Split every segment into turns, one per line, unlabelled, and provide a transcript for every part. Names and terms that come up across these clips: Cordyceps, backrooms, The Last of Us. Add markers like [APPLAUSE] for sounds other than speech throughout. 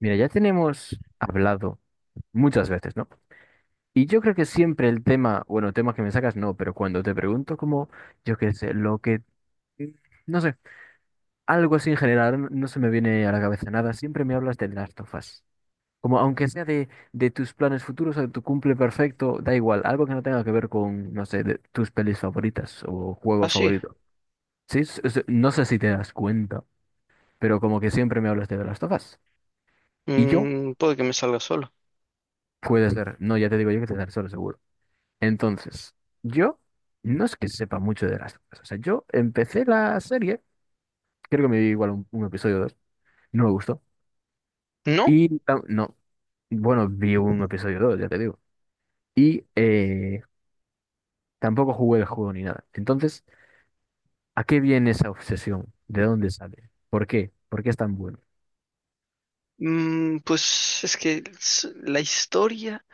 Mira, ya tenemos hablado muchas veces, ¿no? Y yo creo que siempre el tema, bueno, tema que me sacas, no, pero cuando te pregunto como, yo qué sé, lo que, no sé, algo así en general, no se me viene a la cabeza nada, siempre me hablas del Last of Us. Como aunque sea de tus planes futuros o de tu cumple perfecto, da igual, algo que no tenga que ver con, no sé, de tus pelis favoritas o juego
Ah, sí,
favorito. Sí, no sé si te das cuenta, pero como que siempre me hablas de The Last of Us. Y yo,
puede que me salga solo.
puede ser, no, ya te digo yo que te daré solo seguro. Entonces, yo no es que sepa mucho de las cosas. O sea, yo empecé la serie, creo que me vi igual un episodio o dos, no me gustó.
No,
Y no, bueno, vi un episodio o dos, ya te digo. Y tampoco jugué el juego ni nada. Entonces, ¿a qué viene esa obsesión? ¿De dónde sale? ¿Por qué? ¿Por qué es tan bueno?
pues es que la historia,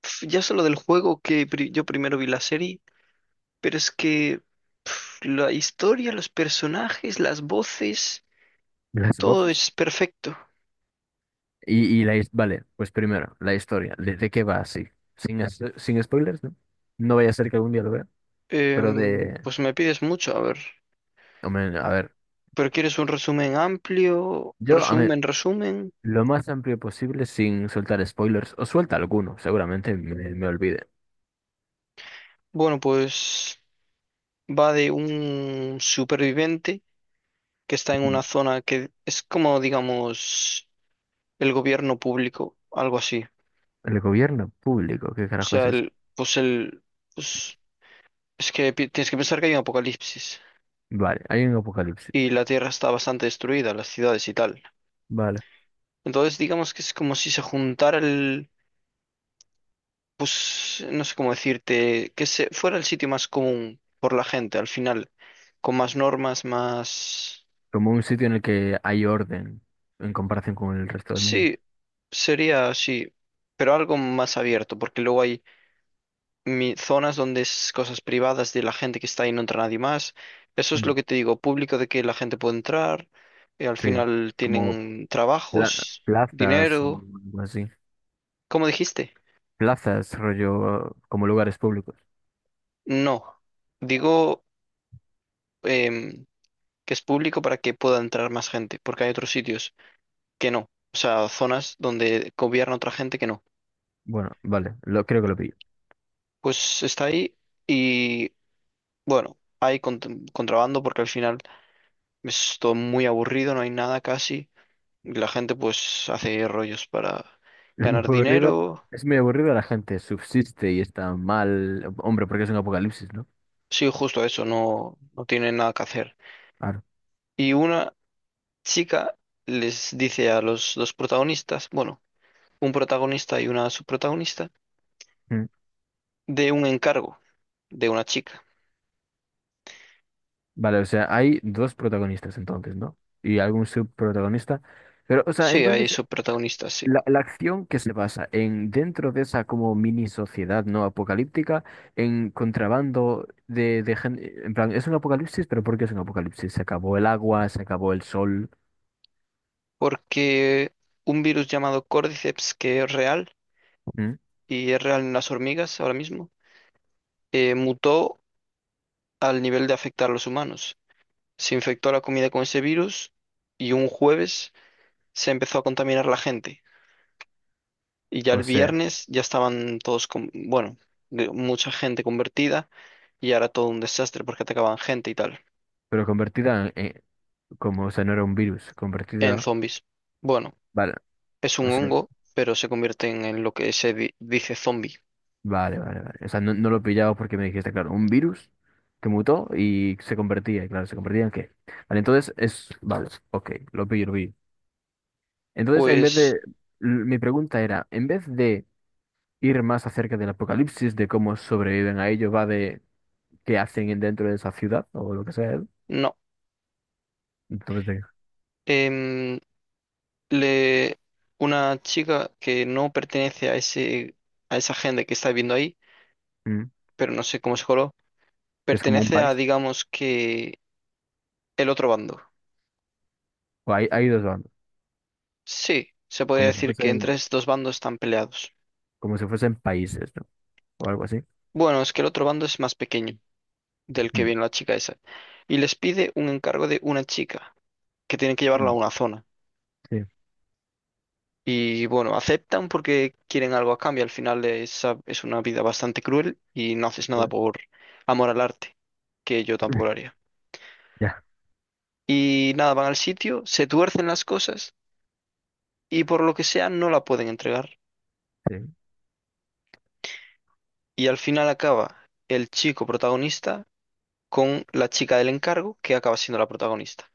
ya solo del juego que yo primero vi la serie, pero es que la historia, los personajes, las voces,
¿Las
todo
voces?
es perfecto.
Vale, pues primero, la historia. ¿De qué va así? Sin spoilers, ¿no? No vaya a ser que algún día lo vea, pero de...
Pues me pides mucho, a ver,
hombre, a ver.
pero ¿quieres un resumen amplio?
Yo, a mí,
Resumen, resumen.
Lo más amplio posible sin soltar spoilers, o suelta alguno, seguramente me olvide.
Bueno, pues va de un superviviente que está en una zona que es como, digamos, el gobierno público, algo así.
El gobierno público, ¿qué
O
carajo es
sea,
eso?
pues es que tienes que pensar que hay un apocalipsis
Vale, hay un apocalipsis.
y la Tierra está bastante destruida, las ciudades y tal.
Vale.
Entonces, digamos que es como si se juntara el, pues no sé cómo decirte, que se fuera el sitio más común por la gente al final, con más normas, más,
Como un sitio en el que hay orden en comparación con el resto del mundo.
sí, sería así, pero algo más abierto, porque luego hay zonas donde es cosas privadas de la gente que está ahí, no entra nadie más. Eso es
Mm.
lo que te digo, público de que la gente puede entrar, al
Sí,
final
como
tienen
pla-
trabajos,
plazas o
dinero.
algo así.
¿Cómo dijiste?
Plazas, rollo, como lugares públicos.
No, digo em, que es público para que pueda entrar más gente, porque hay otros sitios que no, o sea, zonas donde gobierna otra gente que no.
Bueno, vale, creo que lo pillo. [LAUGHS]
Pues está ahí y bueno, hay contrabando porque al final es todo muy aburrido, no hay nada casi. Y la gente pues hace rollos para
Es muy
ganar
aburrido.
dinero.
Es muy aburrido, la gente subsiste y está mal. Hombre, porque es un apocalipsis, ¿no?
Sí, justo eso, no, no tienen nada que hacer.
Claro.
Y una chica les dice a los dos protagonistas, bueno, un protagonista y una subprotagonista, de un encargo de una chica.
Vale, o sea, hay dos protagonistas entonces, ¿no? Y algún subprotagonista. Pero, o sea,
Sí, hay
entonces,
subprotagonistas, sí.
la acción que se basa en dentro de esa como mini sociedad no apocalíptica, en contrabando de gente, en plan, es un apocalipsis, pero ¿por qué es un apocalipsis? Se acabó el agua, se acabó el sol.
Porque un virus llamado Cordyceps, que es real,
¿Mm?
y es real en las hormigas ahora mismo, mutó al nivel de afectar a los humanos. Se infectó la comida con ese virus y un jueves se empezó a contaminar la gente. Y ya
O
el
sea,
viernes ya estaban todos, con, bueno, mucha gente convertida y ahora todo un desastre porque atacaban gente y tal,
pero convertida como, o sea, no era un virus,
en
convertida,
zombies. Bueno,
vale,
es un
o sea,
hongo, pero se convierten en lo que se dice zombie.
vale, vale, vale. O sea, no, no lo pillaba porque me dijiste, claro, un virus que mutó y se convertía, y claro, ¿se convertía en qué? Vale, entonces vale, ok, lo pillo, lo pillo. Entonces, en vez de...
Pues
l- mi pregunta era, en vez de ir más acerca del apocalipsis, de cómo sobreviven a ello, va de qué hacen dentro de esa ciudad o lo que sea,
no.
entonces de...
Em, Le, una chica que no pertenece a ese, a esa gente que está viviendo ahí,
mm,
pero no sé cómo se coló,
es como un
pertenece a,
país.
digamos que, el otro bando.
O hay dos bandos,
Sí, se podría
como si
decir que
fuesen,
entre estos dos bandos están peleados.
como si fuesen países, ¿no? O algo así.
Bueno, es que el otro bando es más pequeño, del que
Mm,
viene la chica esa, y les pide un encargo de una chica, que tienen que llevarla a
mm,
una zona.
sí.
Y bueno, aceptan porque quieren algo a cambio, al final es una vida bastante cruel y no haces
Sí.
nada por amor al arte, que yo tampoco lo
[LAUGHS]
haría.
Ya,
Y nada, van al sitio, se tuercen las cosas y por lo que sea no la pueden entregar.
sí.
Y al final acaba el chico protagonista con la chica del encargo que acaba siendo la protagonista.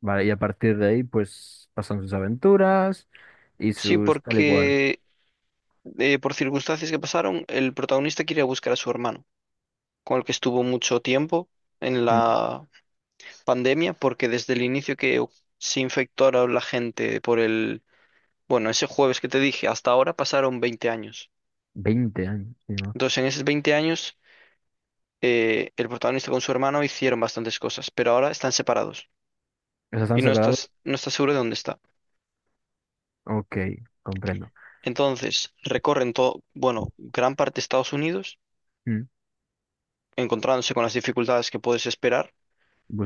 Vale, y a partir de ahí, pues pasan sus aventuras y
Sí,
sus tal y cual.
porque por circunstancias que pasaron, el protagonista quiere buscar a su hermano, con el que estuvo mucho tiempo en
Mm.
la pandemia, porque desde el inicio que se infectó a la gente por el, bueno, ese jueves que te dije, hasta ahora pasaron 20 años.
20 años, sí, ¿no? O
Entonces, en esos 20 años, el protagonista con su hermano hicieron bastantes cosas, pero ahora están separados
sea, ¿están
y
separados?
no estás seguro de dónde está.
Ok, comprendo.
Entonces, recorren todo, bueno, gran parte de Estados Unidos
Mm.
encontrándose con las dificultades que puedes esperar,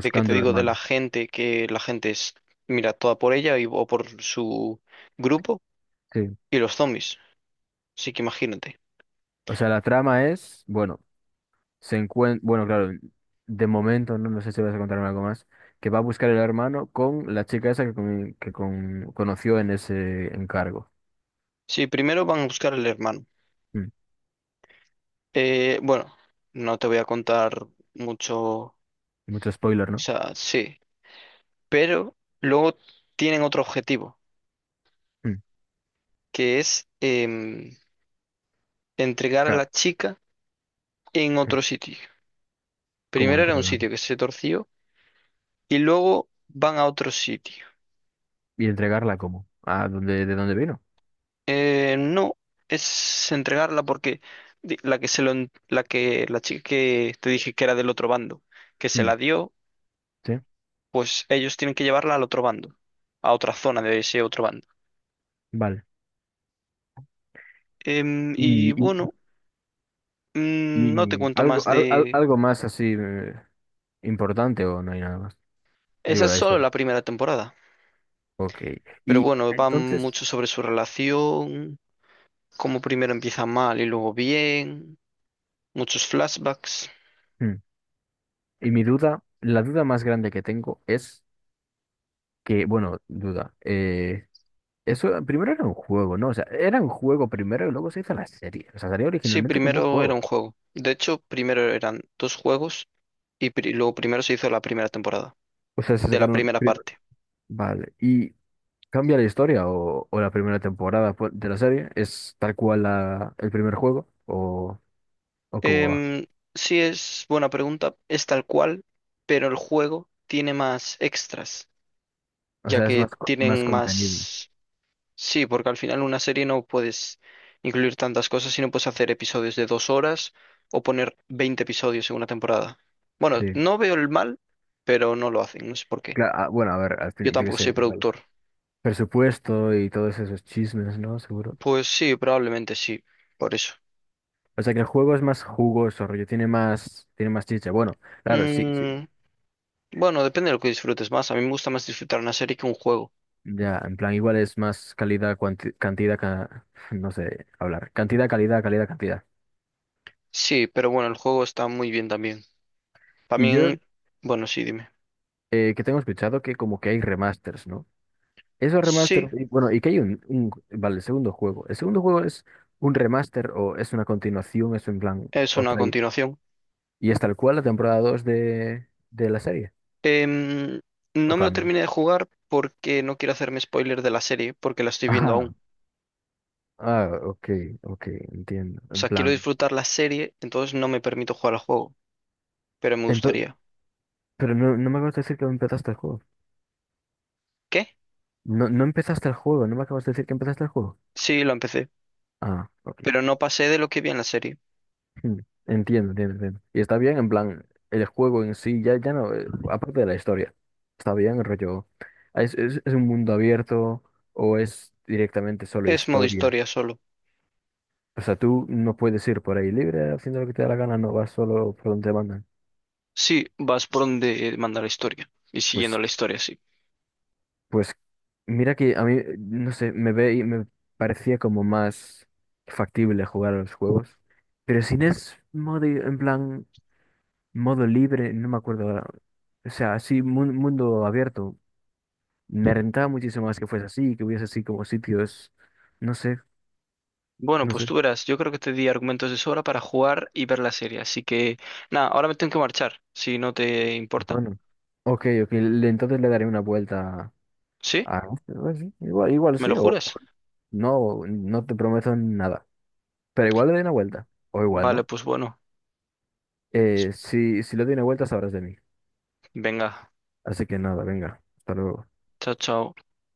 de que te
el
digo de la
hermano.
gente, que la gente es, mira, toda por ella y, o por su grupo,
Sí.
y los zombies. Así que imagínate.
O sea, la trama es, bueno, se encuentra, bueno, claro, de momento, no, no sé si vas a contarme algo más, que va a buscar el hermano con la chica esa que, conoció en ese encargo.
Sí, primero van a buscar al hermano.
Mm.
Bueno, no te voy a contar mucho, o
Mucho spoiler, ¿no?
sea, sí, pero luego tienen otro objetivo,
Mm,
que es entregar a
ca-
la chica en
eh,
otro sitio.
¿Cómo
Primero era un
entregarla?
sitio que se torció y luego van a otro sitio.
¿Y entregarla cómo? ¿De dónde vino?
No, es entregarla porque di- la que se lo, en- la que la chica que te dije que era del otro bando, que se
Mm,
la dio,
sí,
pues ellos tienen que llevarla al otro bando, a otra zona de ese otro bando.
vale.
Y
Y, y-
bueno, no te
y
cuento
algo,
más
al- al-
de...
algo más así importante o no hay nada más.
Esa
Digo,
es
la
solo
historia.
la primera temporada,
Ok.
pero
Y
bueno, va
entonces,
mucho sobre su relación, cómo primero empieza mal y luego bien, muchos flashbacks.
hmm, y mi duda, la duda más grande que tengo es que, bueno, eso primero era un juego, ¿no? O sea, era un juego primero y luego se hizo la serie. O sea, salió
Sí,
originalmente como un
primero era
juego.
un juego. De hecho, primero eran dos juegos. Y lo primero se hizo la primera temporada,
O sea,
de la primera parte.
vale. ¿Y cambia la historia o la primera temporada pues, de la serie? ¿Es tal cual el primer juego o cómo
Em,
va?
sí es buena pregunta, es tal cual, pero el juego tiene más extras,
O
ya
sea, es más,
que
más
tienen
contenido.
más... Sí, porque al final una serie no puedes incluir tantas cosas, sino puedes hacer episodios de 2 horas o poner 20 episodios en una temporada. Bueno,
Sí.
no veo el mal, pero no lo hacen, no sé por qué.
Bueno, a ver, al
Yo
final, yo qué
tampoco
sé,
soy
igual.
productor.
Presupuesto y todos esos chismes, ¿no? Seguro.
Pues sí, probablemente sí, por eso.
O sea, que el juego es más jugoso, rollo, tiene más, chiste. Bueno, claro, sí, sí.
Mm, bueno, depende de lo que disfrutes más. A mí me gusta más disfrutar una serie que un juego.
Ya, en plan, igual es más calidad, cantidad, [LAUGHS] no sé hablar. Cantidad, calidad, calidad, cantidad.
Sí, pero bueno, el juego está muy bien también.
Y yo,
También, bueno, sí, dime.
que tengo escuchado que como que hay remasters, ¿no? Esos
Sí,
remasters, y bueno, y que hay vale, el segundo juego. El segundo juego es un remaster o es una continuación, es en plan
es una
otra.
continuación.
Y es tal cual la temporada 2 de la serie.
Em,
¿O
no me lo
cambia?
terminé de jugar porque no quiero hacerme spoiler de la serie, porque la estoy viendo aún.
[LAUGHS] Ah, ah, ok, ok, entiendo.
O
En
sea, quiero
plan.
disfrutar la serie, entonces no me permito jugar al juego, pero me
ento-
gustaría.
pero no, no me acabas de decir que empezaste el juego.
¿Qué?
No, no empezaste el juego, no me acabas de decir que empezaste el juego.
Sí, lo empecé,
Ah, ok.
pero no pasé de lo que vi en la serie.
Hmm, Entiendo, entiendo, entiendo. Y está bien, en plan, el juego en sí, ya no, aparte de la historia. Está bien, el rollo. ¿Es un mundo abierto o es directamente solo
Es modo
historia?
historia solo.
O sea, tú no puedes ir por ahí libre haciendo lo que te da la gana, no vas solo por donde te mandan.
Sí, vas por donde manda la historia y siguiendo
Pues,
la historia, sí.
pues mira que a mí, no sé, me ve y me parecía como más factible jugar a los juegos. Pero si no es modo, en plan, modo libre, no me acuerdo ahora. O sea, así, mundo abierto. Me rentaba muchísimo más que fuese así, que hubiese así como sitios, no sé,
Bueno,
no
pues
sé.
tú verás, yo creo que te di argumentos de sobra para jugar y ver la serie, así que nada, ahora me tengo que marchar, si no te importa.
Bueno, ok, ok, entonces le daré una vuelta
¿Sí?
a... sí, igual, igual
¿Me
sí,
lo
o
juras?
no, no te prometo nada. Pero igual le daré una vuelta, o igual,
Vale,
¿no?
pues bueno,
Si le doy una vuelta, sabrás de mí.
venga,
Así que nada, venga. Hasta luego.
chao, chao.